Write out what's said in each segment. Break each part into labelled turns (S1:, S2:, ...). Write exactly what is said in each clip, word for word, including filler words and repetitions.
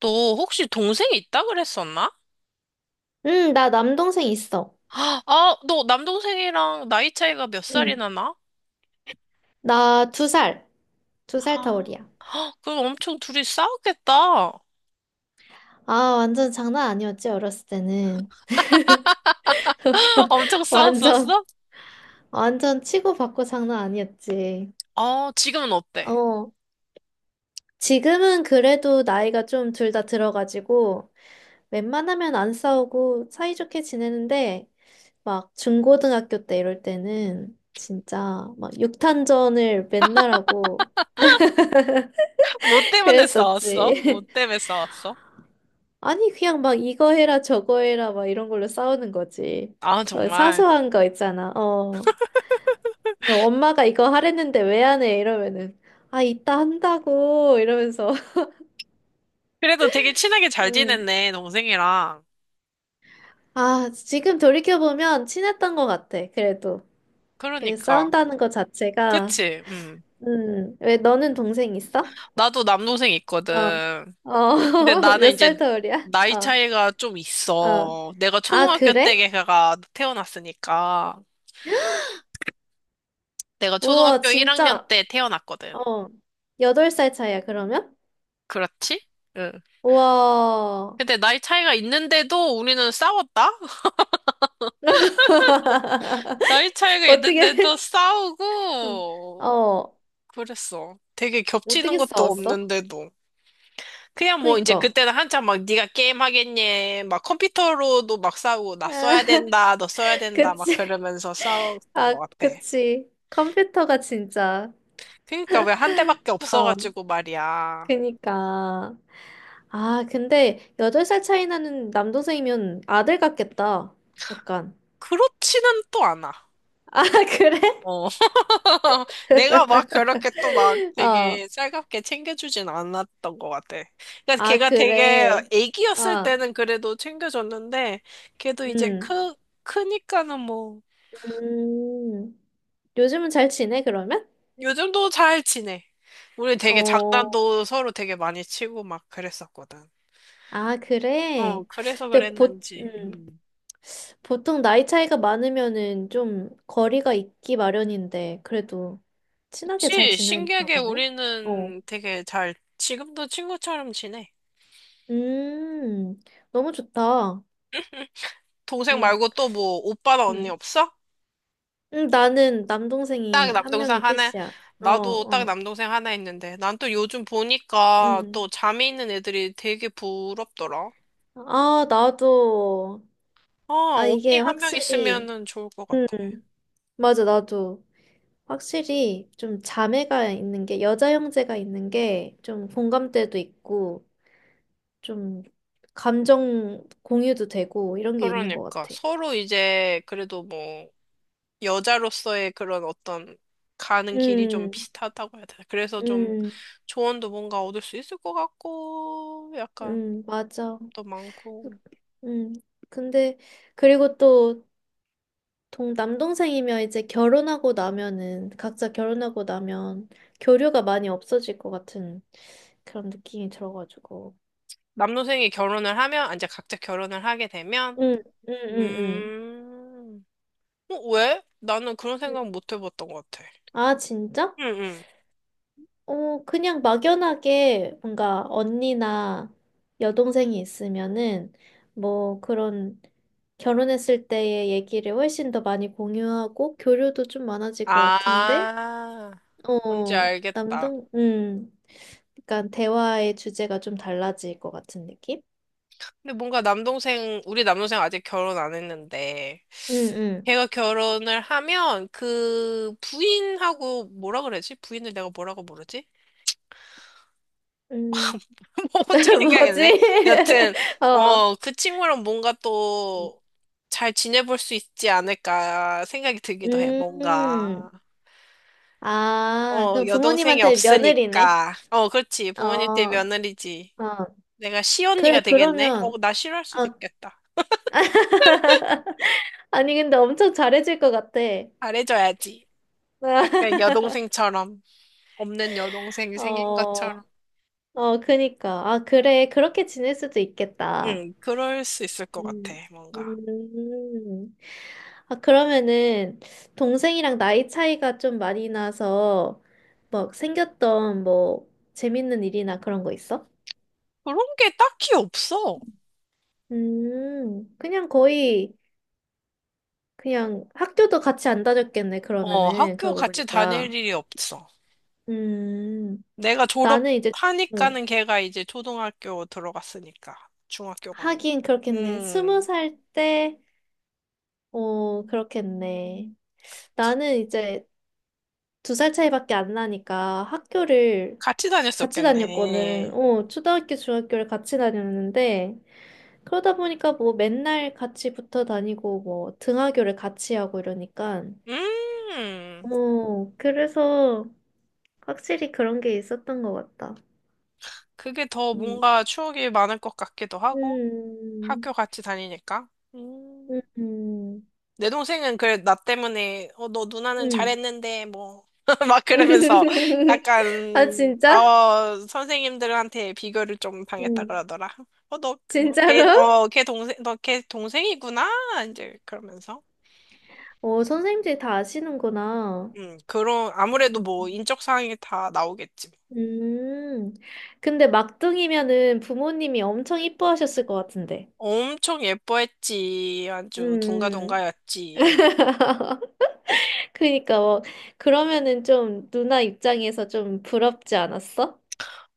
S1: 너 혹시 동생이 있다 그랬었나?
S2: 응, 나 남동생 있어.
S1: 아, 아, 너 남동생이랑 나이 차이가 몇
S2: 응,
S1: 살이나 나?
S2: 나 두 살, 두 살 터울이야.
S1: 아, 그럼 엄청 둘이 싸웠겠다.
S2: 아, 완전 장난 아니었지, 어렸을 때는.
S1: 엄청
S2: 완전,
S1: 싸웠었어?
S2: 완전 치고받고 장난 아니었지.
S1: 어, 지금은 어때?
S2: 어, 지금은 그래도 나이가 좀 둘 다 들어가지고, 웬만하면 안 싸우고 사이좋게 지내는데, 막 중고등학교 때 이럴 때는 진짜 막 육탄전을 맨날 하고
S1: 뭐 때문에 싸웠어? 뭐
S2: 그랬었지.
S1: 때문에 싸웠어?
S2: 아니, 그냥 막 이거 해라, 저거 해라, 막 이런 걸로 싸우는 거지.
S1: 아,
S2: 어,
S1: 정말.
S2: 사소한 거 있잖아. 어, 너 엄마가 이거 하랬는데 왜 안 해? 이러면은, 아, 이따 한다고, 이러면서.
S1: 그래도 되게 친하게 잘
S2: 응.
S1: 지냈네, 동생이랑.
S2: 아, 지금 돌이켜보면 친했던 것 같아, 그래도. 그
S1: 그러니까.
S2: 싸운다는 것 자체가.
S1: 그치? 음.
S2: 음, 왜 너는 동생 있어?
S1: 나도 남동생
S2: 어,
S1: 있거든.
S2: 어,
S1: 근데 나는
S2: 몇 살
S1: 이제
S2: 터울이야?
S1: 나이
S2: 어,
S1: 차이가 좀
S2: 어.
S1: 있어. 내가
S2: 아,
S1: 초등학교 때
S2: 그래?
S1: 걔가 태어났으니까. 내가
S2: 우와,
S1: 초등학교 일 학년
S2: 진짜.
S1: 때 태어났거든.
S2: 어, 여덟 살 차이야, 그러면?
S1: 그렇지? 응.
S2: 와.
S1: 근데 나이 차이가 있는데도 우리는 싸웠다? 나이 차이가 있는데도
S2: 어떻게, 응.
S1: 싸우고
S2: 어,
S1: 그랬어. 되게 겹치는
S2: 어떻게
S1: 것도
S2: 싸웠어?
S1: 없는데도. 그냥 뭐 이제
S2: 그니까.
S1: 그때는 한참 막 네가 게임 하겠니? 막 컴퓨터로도 막 싸우고 나 써야 된다, 너 써야 된다 막
S2: 그치.
S1: 그러면서 싸웠던
S2: 아,
S1: 것 같아.
S2: 그치. 컴퓨터가 진짜.
S1: 그러니까 왜 한 대밖에
S2: 어,
S1: 없어가지고 말이야.
S2: 그니까. 아, 근데 여덟 살 차이 나는 남동생이면 아들 같겠다. 약간.
S1: 그렇지는 또 않아.
S2: 아, 그래?
S1: 어. 내가 막 그렇게 또 막
S2: 어.
S1: 되게 살갑게 챙겨주진 않았던 것 같아. 그러니까
S2: 아,
S1: 걔가 되게
S2: 그래.
S1: 애기였을
S2: 아,
S1: 때는 그래도 챙겨줬는데, 걔도 이제
S2: 음.
S1: 크, 크니까는 뭐,
S2: 음. 요즘은 잘 지내, 그러면?
S1: 요즘도 잘 지내. 우리 되게
S2: 어.
S1: 장난도 서로 되게 많이 치고 막 그랬었거든.
S2: 아,
S1: 어,
S2: 그래?
S1: 그래서
S2: 근데 보,
S1: 그랬는지.
S2: 음,
S1: 음.
S2: 보통 나이 차이가 많으면은 좀 거리가 있기 마련인데, 그래도 친하게 잘
S1: 그치,
S2: 지냈나
S1: 신기하게
S2: 보네? 어.
S1: 우리는 되게 잘, 지금도 친구처럼 지내.
S2: 음, 너무 좋다.
S1: 동생
S2: 응,
S1: 말고 또 뭐, 오빠나 언니
S2: 응.
S1: 없어?
S2: 응, 나는
S1: 딱
S2: 남동생이 한
S1: 남동생
S2: 명이
S1: 하나,
S2: 끝이야. 어,
S1: 나도 딱
S2: 어,
S1: 남동생 하나 있는데, 난 또 요즘 보니까
S2: 응.
S1: 또 잠이 있는 애들이 되게 부럽더라.
S2: 아, 나도.
S1: 아,
S2: 아,
S1: 언니
S2: 이게
S1: 한 명
S2: 확실히.
S1: 있으면은 좋을 것
S2: 응,
S1: 같아.
S2: 맞아, 나도. 확실히 좀 자매가 있는 게, 여자 형제가 있는 게 좀 공감대도 있고, 좀 감정 공유도 되고, 이런 게 있는 것
S1: 그러니까,
S2: 같아.
S1: 서로 이제 그래도 뭐, 여자로서의 그런 어떤 가는 길이 좀
S2: 음,
S1: 비슷하다고 해야 되나. 그래서 좀
S2: 음,
S1: 조언도 뭔가 얻을 수 있을 것 같고, 약간
S2: 음, 맞아.
S1: 또 많고.
S2: 음, 근데, 그리고 또, 동, 남동생이면 이제 결혼하고 나면은, 각자 결혼하고 나면 교류가 많이 없어질 것 같은 그런 느낌이 들어가지고.
S1: 남동생이 결혼을 하면, 아, 이제 각자 결혼을 하게 되면,
S2: 응, 응, 응, 응.
S1: 음, 어, 왜? 나는 그런
S2: 응.
S1: 생각 못 해봤던 것 같아.
S2: 아, 진짜?
S1: 응, 응.
S2: 어, 그냥 막연하게 뭔가 언니나 여동생이 있으면은 뭐 그런 결혼했을 때의 얘기를 훨씬 더 많이 공유하고 교류도 좀 많아질 것 같은데,
S1: 아, 뭔지
S2: 어,
S1: 알겠다.
S2: 남동, 음, 그러니까 대화의 주제가 좀 달라질 것 같은 느낌?
S1: 근데 뭔가 남동생, 우리 남동생 아직 결혼 안 했는데,
S2: 응응
S1: 걔가 결혼을 하면 그 부인하고 뭐라 그러지? 부인을 내가 뭐라고 부르지?
S2: 음,
S1: 뭐 어떻게
S2: 뭐지?
S1: 생각했네? 여튼,
S2: 어,
S1: 어, 그 친구랑 뭔가 또 잘 지내볼 수 있지 않을까 생각이 들기도 해, 뭔가.
S2: 음, 아,
S1: 어,
S2: 그럼
S1: 여동생이
S2: 부모님한테 며느리네.
S1: 없으니까. 어, 그렇지.
S2: 어,
S1: 부모님 댁
S2: 어.
S1: 며느리지. 내가 시언니가
S2: 그래,
S1: 되겠네? 어,
S2: 그러면.
S1: 나 싫어할 수도
S2: 아.
S1: 있겠다.
S2: 아니, 근데 엄청 잘해줄 것 같아.
S1: 잘해줘야지. 약간 여동생처럼. 없는 여동생이 생긴
S2: 어,
S1: 것처럼.
S2: 어, 그니까. 아, 그래. 그렇게 지낼 수도 있겠다.
S1: 응, 그럴 수 있을 것 같아,
S2: 음.
S1: 뭔가.
S2: 음. 아, 그러면은, 동생이랑 나이 차이가 좀 많이 나서, 막 생겼던 뭐, 재밌는 일이나 그런 거 있어?
S1: 그런 게 딱히 없어.
S2: 음, 그냥 거의, 그냥 학교도 같이 안 다녔겠네,
S1: 어,
S2: 그러면은.
S1: 학교
S2: 그러고
S1: 같이
S2: 보니까.
S1: 다닐 일이 없어.
S2: 음,
S1: 내가
S2: 나는 이제, 어,
S1: 졸업하니까는 걔가 이제 초등학교 들어갔으니까. 중학교 가면.
S2: 하긴 그렇겠네. 스무
S1: 음,
S2: 살 때, 어, 그렇겠네. 나는 이제 두 살 차이밖에 안 나니까 학교를
S1: 같이
S2: 같이 다녔거든.
S1: 다녔었겠네.
S2: 어, 초등학교, 중학교를 같이 다녔는데, 그러다 보니까 뭐 맨날 같이 붙어 다니고, 뭐 등하교를 같이 하고 이러니까,
S1: 음.
S2: 어, 그래서 확실히 그런 게 있었던 것 같다.
S1: 그게 더
S2: 음,
S1: 뭔가 추억이 많을 것 같기도 하고,
S2: 음,
S1: 학교 같이 다니니까.
S2: 음,
S1: 음.
S2: 음.
S1: 내 동생은 그래, 나 때문에, 어, 너 누나는
S2: 음.
S1: 잘했는데, 뭐, 막 그러면서
S2: 아,
S1: 약간,
S2: 진짜?
S1: 어, 선생님들한테 비교를 좀 당했다
S2: 음.
S1: 그러더라. 어, 너, 너 걔,
S2: 진짜로?
S1: 어, 걔 동생, 너 걔 동생이구나? 이제 그러면서.
S2: 어 선생님들이 다 아시는구나.
S1: 음, 그런, 아무래도
S2: 음.
S1: 뭐, 인적 사항이 다 나오겠지.
S2: 음, 근데 막둥이면은 부모님이 엄청 이뻐하셨을 것 같은데.
S1: 엄청 예뻐했지. 아주
S2: 음,
S1: 둥가둥가였지.
S2: 그러니까 뭐, 그러면은 좀 누나 입장에서 좀 부럽지 않았어?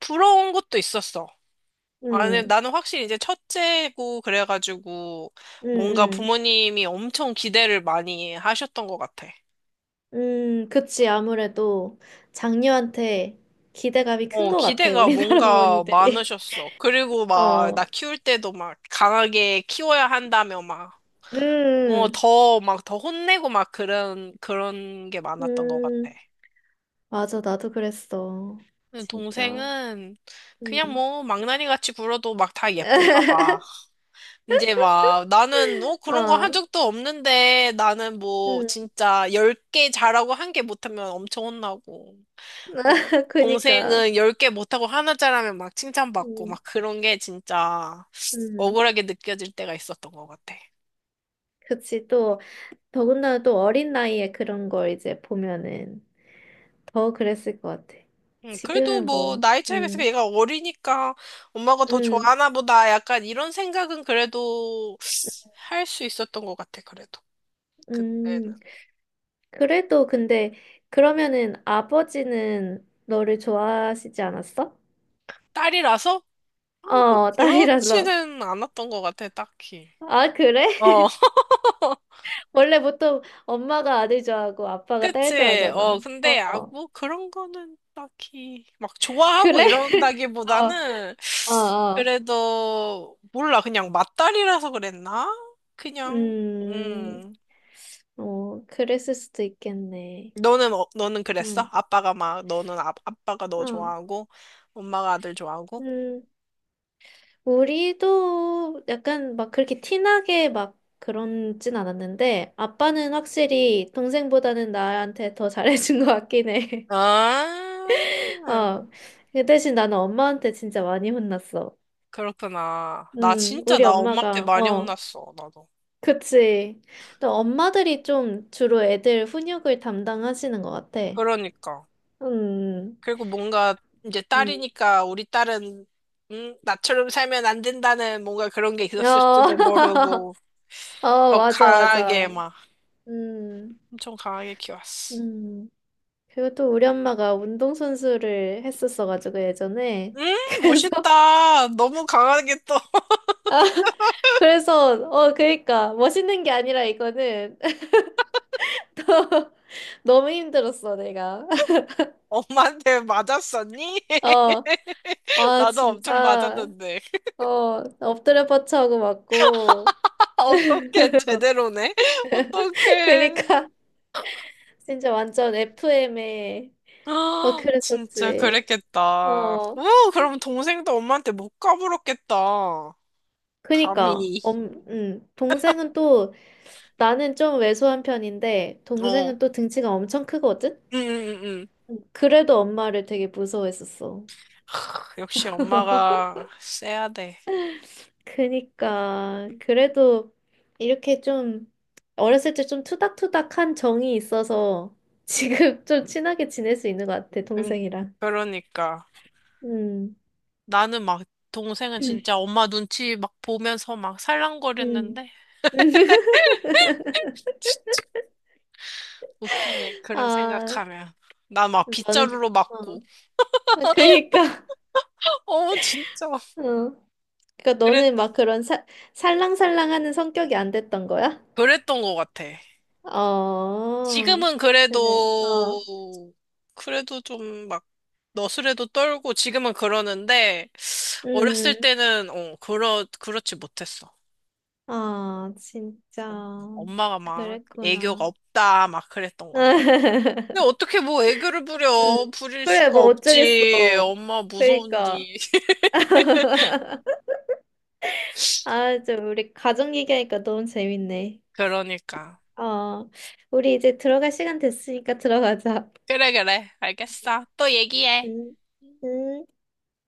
S1: 부러운 것도 있었어. 아니,
S2: 음,
S1: 나는 확실히 이제 첫째고 그래가지고
S2: 음,
S1: 뭔가
S2: 음,
S1: 부모님이 엄청 기대를 많이 하셨던 것 같아.
S2: 음, 그치. 아무래도 장녀한테 기대감이 큰
S1: 어,
S2: 것 같아,
S1: 기대가
S2: 우리나라
S1: 뭔가
S2: 부모님들이.
S1: 많으셨어. 그리고 막 나
S2: 어,
S1: 키울 때도 막 강하게 키워야 한다며 막, 어,
S2: 음,
S1: 더, 막 더 혼내고 막 그런, 그런 게 많았던 것 같아.
S2: 음, 맞아. 나도 그랬어.
S1: 근데
S2: 진짜.
S1: 동생은 그냥
S2: 음.
S1: 뭐 망나니 같이 굴어도 막 다 예쁜가 봐. 이제 막 나는 어 그런 거 한
S2: 어,
S1: 적도 없는데 나는 뭐
S2: 음,
S1: 진짜 열 개 잘하고 한 개 못하면 엄청 혼나고 어
S2: 그니까,
S1: 동생은 열 개 못하고 하나 잘하면 막 칭찬받고
S2: 음,
S1: 막 그런 게 진짜
S2: 음,
S1: 억울하게 느껴질 때가 있었던 것 같아.
S2: 그치, 또, 더군다나 또 어린 나이에 그런 걸 이제 보면은 더 그랬을 것 같아.
S1: 음, 그래도
S2: 지금은
S1: 뭐
S2: 뭐,
S1: 나이 차이가 있으니까
S2: 음,
S1: 얘가 어리니까 엄마가 더
S2: 음,
S1: 좋아하나 보다 약간 이런 생각은 그래도 할 수 있었던 것 같아 그래도 그때는
S2: 음, 그래도 근데, 그러면은 아버지는 너를 좋아하시지 않았어?
S1: 딸이라서 아, 꼭
S2: 어, 딸이라서.
S1: 그렇지는 않았던 것 같아, 딱히.
S2: 아, 그래?
S1: 어,
S2: 원래 보통 엄마가 아들 좋아하고 아빠가 딸
S1: 그치.
S2: 좋아하잖아.
S1: 어, 근데, 아,
S2: 어,
S1: 뭐, 그런 거는 딱히, 막, 좋아하고
S2: 그래? 어,
S1: 이런다기보다는,
S2: 어, 어.
S1: 그래도, 몰라. 그냥 맞다리라서 그랬나? 그냥,
S2: 음,
S1: 음.
S2: 어, 그랬을 수도 있겠네.
S1: 너는, 어, 너는 그랬어?
S2: 응,
S1: 아빠가 막, 너는 아, 아빠가 너
S2: 어,
S1: 좋아하고, 엄마가 아들 좋아하고?
S2: 음, 우리도 약간 막 그렇게 티나게 막 그런진 않았는데, 아빠는 확실히 동생보다는 나한테 더 잘해준 것 같긴 해.
S1: 아,
S2: 어, 그 대신 나는 엄마한테 진짜 많이 혼났어.
S1: 그렇구나. 나
S2: 음,
S1: 진짜,
S2: 우리
S1: 나 엄마한테
S2: 엄마가,
S1: 많이
S2: 어,
S1: 혼났어, 나도.
S2: 그치. 또 엄마들이 좀 주로 애들 훈육을 담당하시는 것 같아.
S1: 그러니까.
S2: 음,
S1: 그리고 뭔가 이제
S2: 음.
S1: 딸이니까 우리 딸은 음, 나처럼 살면 안 된다는 뭔가 그런 게
S2: 어.
S1: 있었을지도 모르고
S2: 어,
S1: 더 응.
S2: 맞아,
S1: 강하게
S2: 맞아.
S1: 막
S2: 음,
S1: 엄청 강하게 키웠어.
S2: 음. 그리고 또 우리 엄마가 운동선수를 했었어가지고, 예전에.
S1: 음,
S2: 그래서,
S1: 멋있다. 너무 강하게 또
S2: 아, 그래서, 어, 그니까, 멋있는 게 아니라 이거는 너무 힘들었어, 내가.
S1: 엄마한테 맞았었니?
S2: 어, 아,
S1: 나도 엄청
S2: 진짜,
S1: 맞았는데.
S2: 어, 엎드려 뻗쳐하고 맞고.
S1: 어떻게 제대로네? 어떻게?
S2: 그니까, 진짜 완전 에프엠에, 막
S1: 아, 진짜
S2: 그랬었지.
S1: 그랬겠다.
S2: 어,
S1: 우, 그럼 동생도 엄마한테 못 까불었겠다.
S2: 그니까,
S1: 감히.
S2: 엄, 음, 동생은 또 나는 좀 왜소한 편인데
S1: 어.
S2: 동생은 또 등치가 엄청 크거든?
S1: 응, 응, 응. 응.
S2: 그래도 엄마를 되게 무서워했었어.
S1: 역시 엄마가 세야 돼.
S2: 그니까 그래도 이렇게 좀 어렸을 때 좀 투닥투닥한 정이 있어서 지금 좀 친하게 지낼 수 있는 것 같아,
S1: 응,
S2: 동생이랑.
S1: 그러니까.
S2: 음.
S1: 나는 막, 동생은
S2: 음.
S1: 진짜 엄마 눈치 막 보면서 막
S2: 음.
S1: 살랑거렸는데, 치, 웃기네. 그런
S2: 아,
S1: 생각하면. 나 막
S2: 너는 그-
S1: 빗자루로 맞고.
S2: 어. 아, 그니까
S1: 어, 진짜.
S2: 어. 그니까
S1: 그랬,
S2: 너는 막 그런 살 살랑살랑하는 성격이 안 됐던 거야?
S1: 그랬던 것 같아.
S2: 어,
S1: 지금은
S2: 그래.
S1: 그래도,
S2: 어,
S1: 그래도 좀 막, 너스레도 떨고, 지금은 그러는데, 어렸을
S2: 음.
S1: 때는, 어, 그렇, 그렇지 못했어.
S2: 아, 진짜.
S1: 어, 엄마가 막 애교가
S2: 그랬구나.
S1: 없다 막 그랬던 것 같아. 근데 어떻게 뭐 애교를 부려?
S2: 음.
S1: 부릴
S2: 그래,
S1: 수가
S2: 뭐
S1: 없지.
S2: 어쩌겠어.
S1: 엄마
S2: 그러니까.
S1: 무서운디.
S2: 아, 좀 우리 가족 얘기하니까 너무 재밌네.
S1: 그러니까.
S2: 어, 우리 이제 들어갈 시간 됐으니까 들어가자.
S1: 그래, 그래. 알겠어. 또 얘기해.
S2: 음, 음.